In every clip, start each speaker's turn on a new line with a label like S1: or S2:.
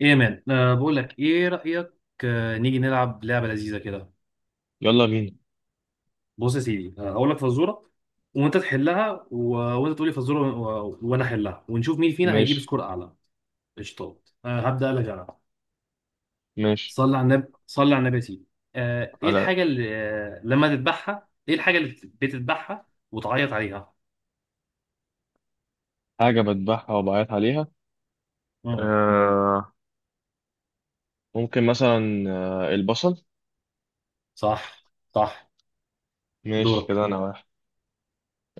S1: ايه يا مان، بقول لك ايه رأيك؟ نيجي نلعب لعبة لذيذة كده.
S2: يلا بينا.
S1: بص يا سيدي، هقول لك فزورة وانت تحلها، وانت تقولي فزورة وانا احلها ونشوف مين فينا هيجيب
S2: ماشي،
S1: سكور اعلى. قشطات. هبدأ لك انا.
S2: ماشي
S1: صلي على النبي صلي على النبي يا سيدي. ايه
S2: على
S1: الحاجة اللي لما تذبحها، ايه الحاجة اللي بتذبحها وتعيط عليها؟
S2: حاجة بذبحها وبعيط عليها.
S1: امم.
S2: آه، ممكن مثلا البصل.
S1: صح، صح.
S2: ماشي
S1: دورك.
S2: كده، أنا واحد.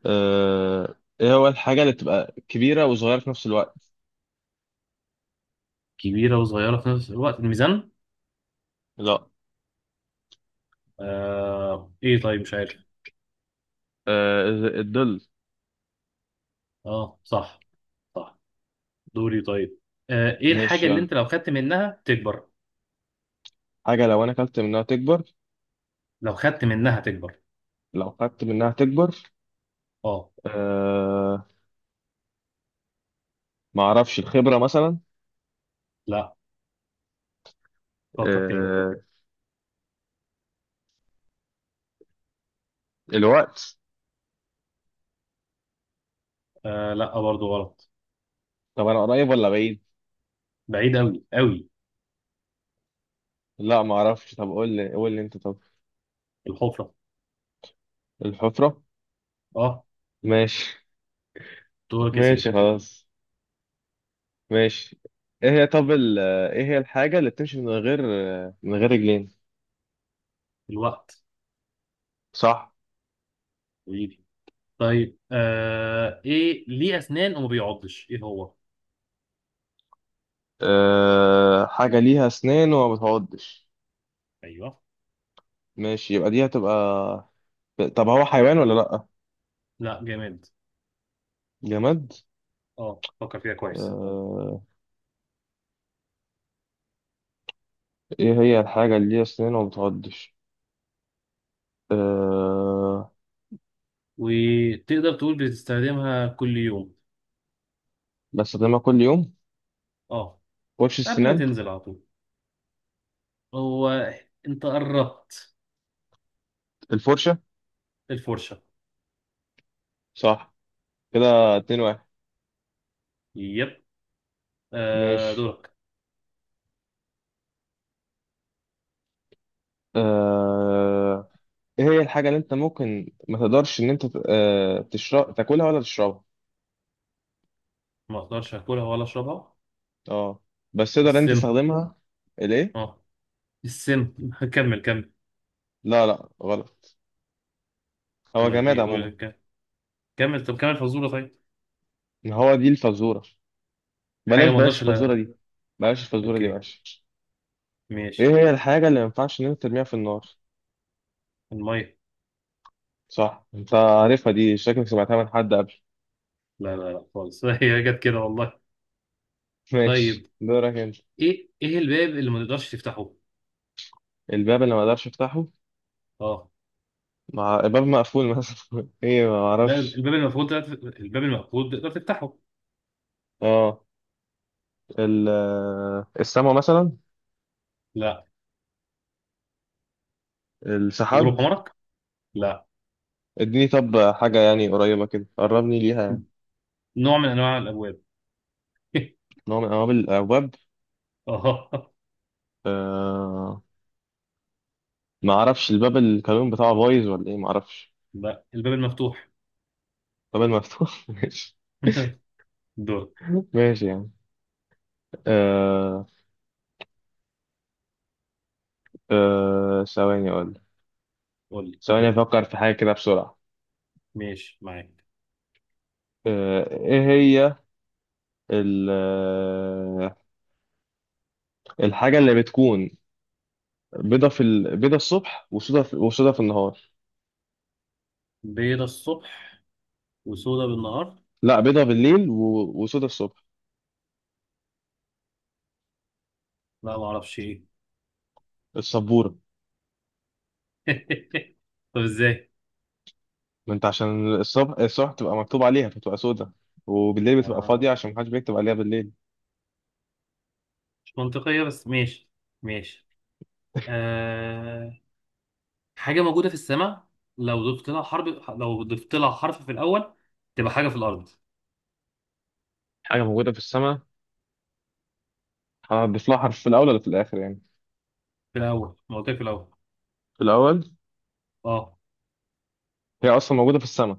S2: آه، إيه هو الحاجة اللي بتبقى كبيرة وصغيرة في نفس الوقت؟
S1: كبيرة وصغيرة في نفس الوقت الميزان.
S2: لا.
S1: ايه؟ طيب مش عارف.
S2: آه، الظل.
S1: اه صح، صح. دوري طيب. ايه الحاجة
S2: ماشي
S1: اللي
S2: يلا.
S1: انت لو خدت منها تكبر؟
S2: حاجة لو أنا أكلت منها تكبر،
S1: لو خدت منها تكبر.
S2: لو خدت منها تكبر.
S1: اه.
S2: آه، معرفش، الخبرة مثلا.
S1: لا، فكر تاني.
S2: آه، الوقت.
S1: لا برضه غلط.
S2: طب أنا قريب ولا بعيد؟
S1: بعيد قوي قوي.
S2: لا معرفش، طب قول لي أنت طب.
S1: الحفرة.
S2: الحفرة.
S1: اه.
S2: ماشي.
S1: دورك يا سيدي.
S2: ماشي خلاص. ماشي. ايه هي طب ايه هي الحاجة اللي بتمشي من غير رجلين.
S1: الوقت.
S2: صح.
S1: حبيبي. طيب، ايه ليه اسنان وما بيعضش، ايه هو؟
S2: حاجة ليها اسنان وما بتعضش.
S1: ايوه.
S2: ماشي، يبقى دي هتبقى، طب هو حيوان ولا لأ،
S1: لا، جامد.
S2: جماد.
S1: اه، فكر فيها كويس.
S2: أه... ايه هي الحاجة اللي ليها اسنان وما بتعضش؟ أه...
S1: وتقدر تقول بتستخدمها كل يوم.
S2: بستخدمها كل يوم.
S1: اه.
S2: فرش
S1: قبل ما
S2: السنان.
S1: تنزل على طول. هو. انت قربت.
S2: الفرشة.
S1: الفرشة.
S2: صح. كده اتنين واحد.
S1: يب.
S2: ماشي.
S1: دورك.
S2: أه... ايه هي الحاجة اللي انت ممكن ما تقدرش ان انت تشرب، تاكلها ولا تشربها؟
S1: ما اقدرش اكلها ولا اشربها.
S2: اه. بس تقدر انت
S1: السم.
S2: تستخدمها. ليه؟
S1: اه. السم. كمل كمل.
S2: لا لا، غلط. هو
S1: امال
S2: جماد
S1: ايه؟
S2: عموما.
S1: كمل. طب كمل فزوره طيب.
S2: ما هو دي الفزورة.
S1: حاجه
S2: بلاش،
S1: ما
S2: بلاش
S1: اقدرش.
S2: الفزورة
S1: لا.
S2: دي، بلاش الفزورة دي،
S1: اوكي.
S2: بلاش. ايه
S1: ماشي.
S2: هي الحاجة اللي ما ينفعش ان انت ترميها في النار؟
S1: الميه.
S2: صح، انت عارفها دي، شكلك سمعتها من حد قبل.
S1: لا لا لا خالص. هي جت كده والله.
S2: ماشي،
S1: طيب،
S2: دورك انت.
S1: ايه الباب اللي ما تقدرش تفتحه؟
S2: الباب اللي ما اقدرش افتحه،
S1: اه.
S2: مع الباب مقفول مثلا. ايه، ما
S1: لا،
S2: اعرفش.
S1: الباب المفروض تقدر تفتحه.
S2: اه. السما مثلا.
S1: لا.
S2: السحاب.
S1: غروب عمرك. لا.
S2: اديني طب حاجة يعني قريبة كده، قربني ليها يعني.
S1: نوع من انواع الابواب.
S2: نوع من أنواع الأبواب.
S1: اه.
S2: آه، ما أعرفش، الباب الكالون بتاعه بايظ ولا إيه، ما أعرفش.
S1: لا، الباب المفتوح.
S2: الباب المفتوح. ماشي.
S1: دور.
S2: ماشي يعني. آه. آه، ثواني أقول،
S1: قول لي.
S2: ثواني أفكر في حاجة كده بسرعة.
S1: ماشي معاك.
S2: آه، إيه هي ال- آه، الحاجة اللي بتكون بيضة في بيضة الصبح وسودة وسودة في النهار.
S1: بيضة الصبح وسودة بالنهار.
S2: لا، بيضة بالليل وسودة الصبح.
S1: لا، ما اعرفش ايه.
S2: السبورة.
S1: طب ازاي؟
S2: ما انت عشان الصبح، بتبقى مكتوب عليها فتبقى سودة، وبالليل بتبقى
S1: آه.
S2: فاضية عشان محدش بيكتب عليها بالليل.
S1: مش منطقية بس ماشي. ماشي. آه. حاجة موجودة في السماء. لو ضفت لها حرف في الأول تبقى حاجة في الأرض.
S2: حاجة موجودة في السماء، هضيف لها حرف في الأول ولا في الآخر يعني؟
S1: في الأول، ما قلت لك في الأول.
S2: في الأول.
S1: اه.
S2: هي أصلا موجودة في السماء.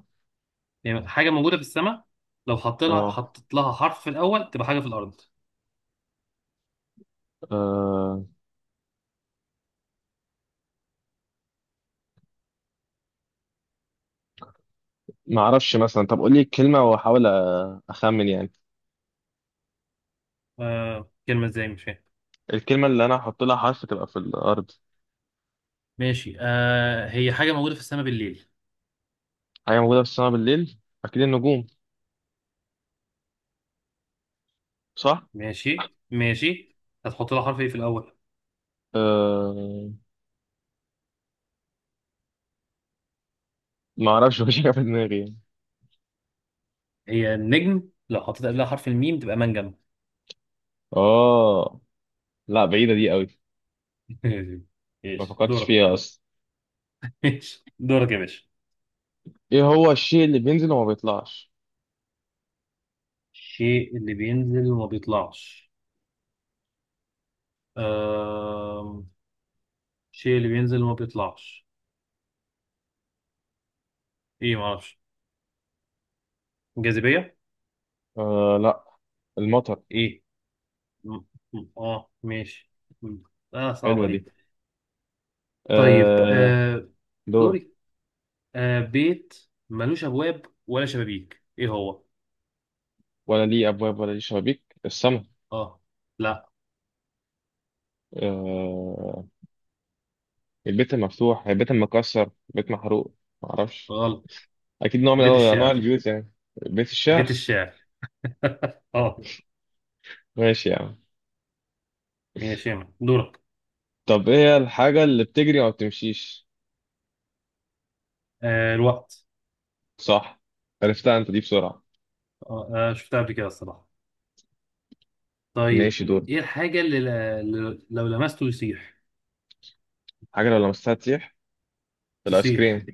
S1: يعني حاجة موجودة في السماء، لو حطيت لها
S2: اه.
S1: حرف في الأول تبقى حاجة في الأرض.
S2: آه، ما أعرفش، مثلا طب قولي الكلمة وأحاول أخمن يعني.
S1: آه. كلمة ازاي؟ مش فاهم.
S2: الكلمة اللي أنا هحط لها حرف تبقى في الأرض.
S1: ماشي. آه. هي حاجة موجودة في السماء بالليل.
S2: حاجة موجودة في السماء بالليل، أكيد النجوم، صح؟
S1: ماشي، ماشي. هتحط لها حرف ايه في الأول؟
S2: أه، ما أعرفش. مفيش حاجة في دماغي يعني.
S1: هي النجم، لو حطيت قبلها حرف الميم تبقى منجم.
S2: آه، لا، بعيدة دي قوي.
S1: ماشي.
S2: ما
S1: ماشي.
S2: فكرتش
S1: دورك.
S2: فيها أصلا.
S1: ماشي دورك يا باشا.
S2: إيه هو الشيء اللي بينزل وما بيطلعش؟
S1: الشيء اللي بينزل وما بيطلعش. أم... الشيء اللي بينزل وما بيطلعش. ايه، معرفش. جاذبية.
S2: آه لا، المطر.
S1: ايه. م- اه ماشي. م- اه
S2: حلوة
S1: صعبة
S2: دي.
S1: دي. طيب،
S2: آه، دور.
S1: دوري. بيت ملوش ابواب ولا شبابيك، ايه هو؟
S2: ولا ليه أبواب ولا ليه شبابيك، السما.
S1: اه. لا،
S2: آه. البيت المفتوح، البيت المكسر، البيت محروق، معرفش.
S1: غلط.
S2: أكيد نوع من
S1: بيت
S2: أنواع
S1: الشعر.
S2: البيوت يعني. بيت الشعر.
S1: بيت الشعر. اه.
S2: ماشي يعني.
S1: ماشي يا مان. دورك.
S2: طب إيه هي الحاجة اللي بتجري وما بتمشيش؟
S1: الوقت.
S2: صح. عرفتها أنت دي بسرعة.
S1: شفتها قبل كده الصراحة. طيب.
S2: ماشي، دور.
S1: ايه الحاجة اللي لو لمسته يصيح؟
S2: حاجة لو لمستها تسيح، الآيس كريم.
S1: تصيح،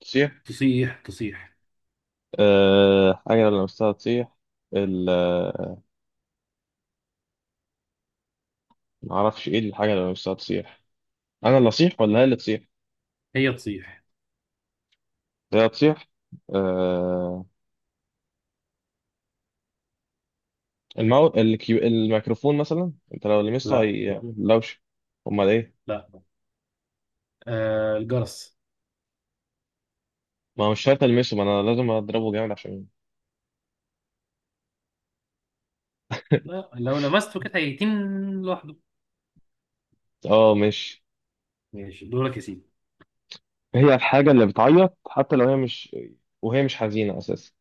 S2: تسيح.
S1: تصيح. تصيح.
S2: آه، حاجة لو لمستها تسيح، ال معرفش إيه الحاجة اللي لو لمستها تسيح. انا اللي اصيح ولا هي اللي تصيح؟
S1: هي تصيح.
S2: هي هتصيح. آه، الميكروفون مثلا، انت لو لمسته
S1: لا.
S2: هي لوش. امال ايه؟
S1: لا. الجرس.
S2: ما هو مش شرط المسه، ما انا لازم اضربه جامد عشان…
S1: لا، لو لمسته كده هيتين لوحده.
S2: اه، مش…
S1: ماشي دورك يا سيدي.
S2: هي الحاجه اللي بتعيط حتى لو هي مش، وهي مش حزينه اساسا.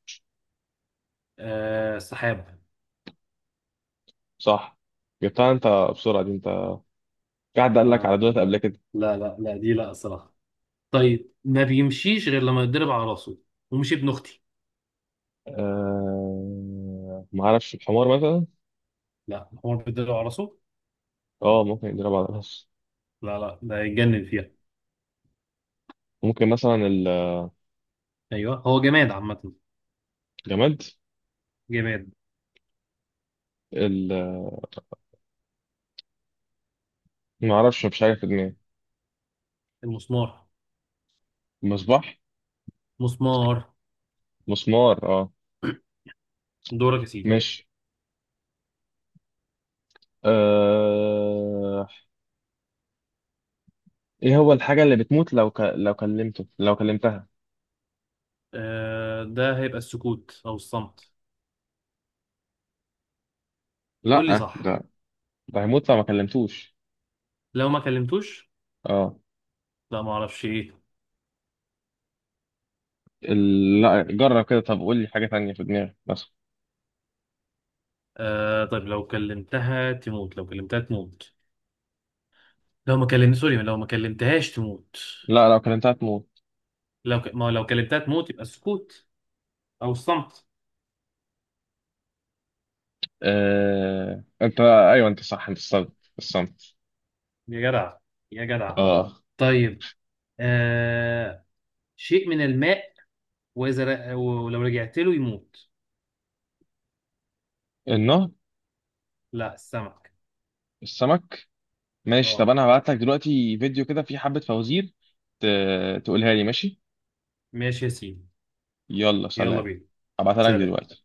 S1: السحاب.
S2: صح. جبتها انت بسرعه دي انت، في حد قال لك على
S1: آه
S2: دولت قبل كده؟
S1: لا لا لا، دي لا الصراحة. طيب، ما بيمشيش غير لما يتضرب على راسه، ومش ابن اختي.
S2: ما اعرفش، الحمار مثلا.
S1: لا، هو بيتضرب على راسه.
S2: اه، ممكن يضرب على الراس.
S1: لا لا، ده يتجنن فيها.
S2: ممكن مثلا.
S1: ايوه هو جماد عامة.
S2: الجماد.
S1: جماد.
S2: ال... ما اعرفش، مش عارف، في دماغي.
S1: المسمار.
S2: المصباح.
S1: مسمار.
S2: مسمار، اه.
S1: دورك يا سيدي.
S2: ماشي. آه... ايه هو الحاجة اللي بتموت لو لو كلمته، لو كلمتها؟
S1: ده هيبقى السكوت او الصمت. قول لي
S2: لا.
S1: صح.
S2: ده، ده هيموت لو ما كلمتوش.
S1: لو ما كلمتوش.
S2: اه.
S1: لا، ما اعرفش ايه.
S2: لا، جرب كده، طب قول لي حاجة تانية في دماغك بس.
S1: طيب، لو كلمتها تموت، لو كلمتها تموت. لو ما كلمت سوري، لو ما كلمتهاش تموت.
S2: لا، لو كلمتها تموت.
S1: لو ك... ما لو كلمتها تموت يبقى السكوت او الصمت.
S2: انت ايوه، انت صح، انت الصمت، الصمت.
S1: يا جدع، يا جدع.
S2: اه.
S1: طيب آه شيء من الماء، واذا ولو رجعت له يموت.
S2: النهر.
S1: لا، السمك.
S2: السمك. ماشي. طب
S1: اه
S2: انا هبعت لك دلوقتي فيديو كده فيه حبة فوازير، ت... تقولها لي، ماشي.
S1: ماشي يا سيدي.
S2: يلا
S1: يلا
S2: سلام.
S1: بينا.
S2: هبعتها لك
S1: سلام.
S2: دلوقتي.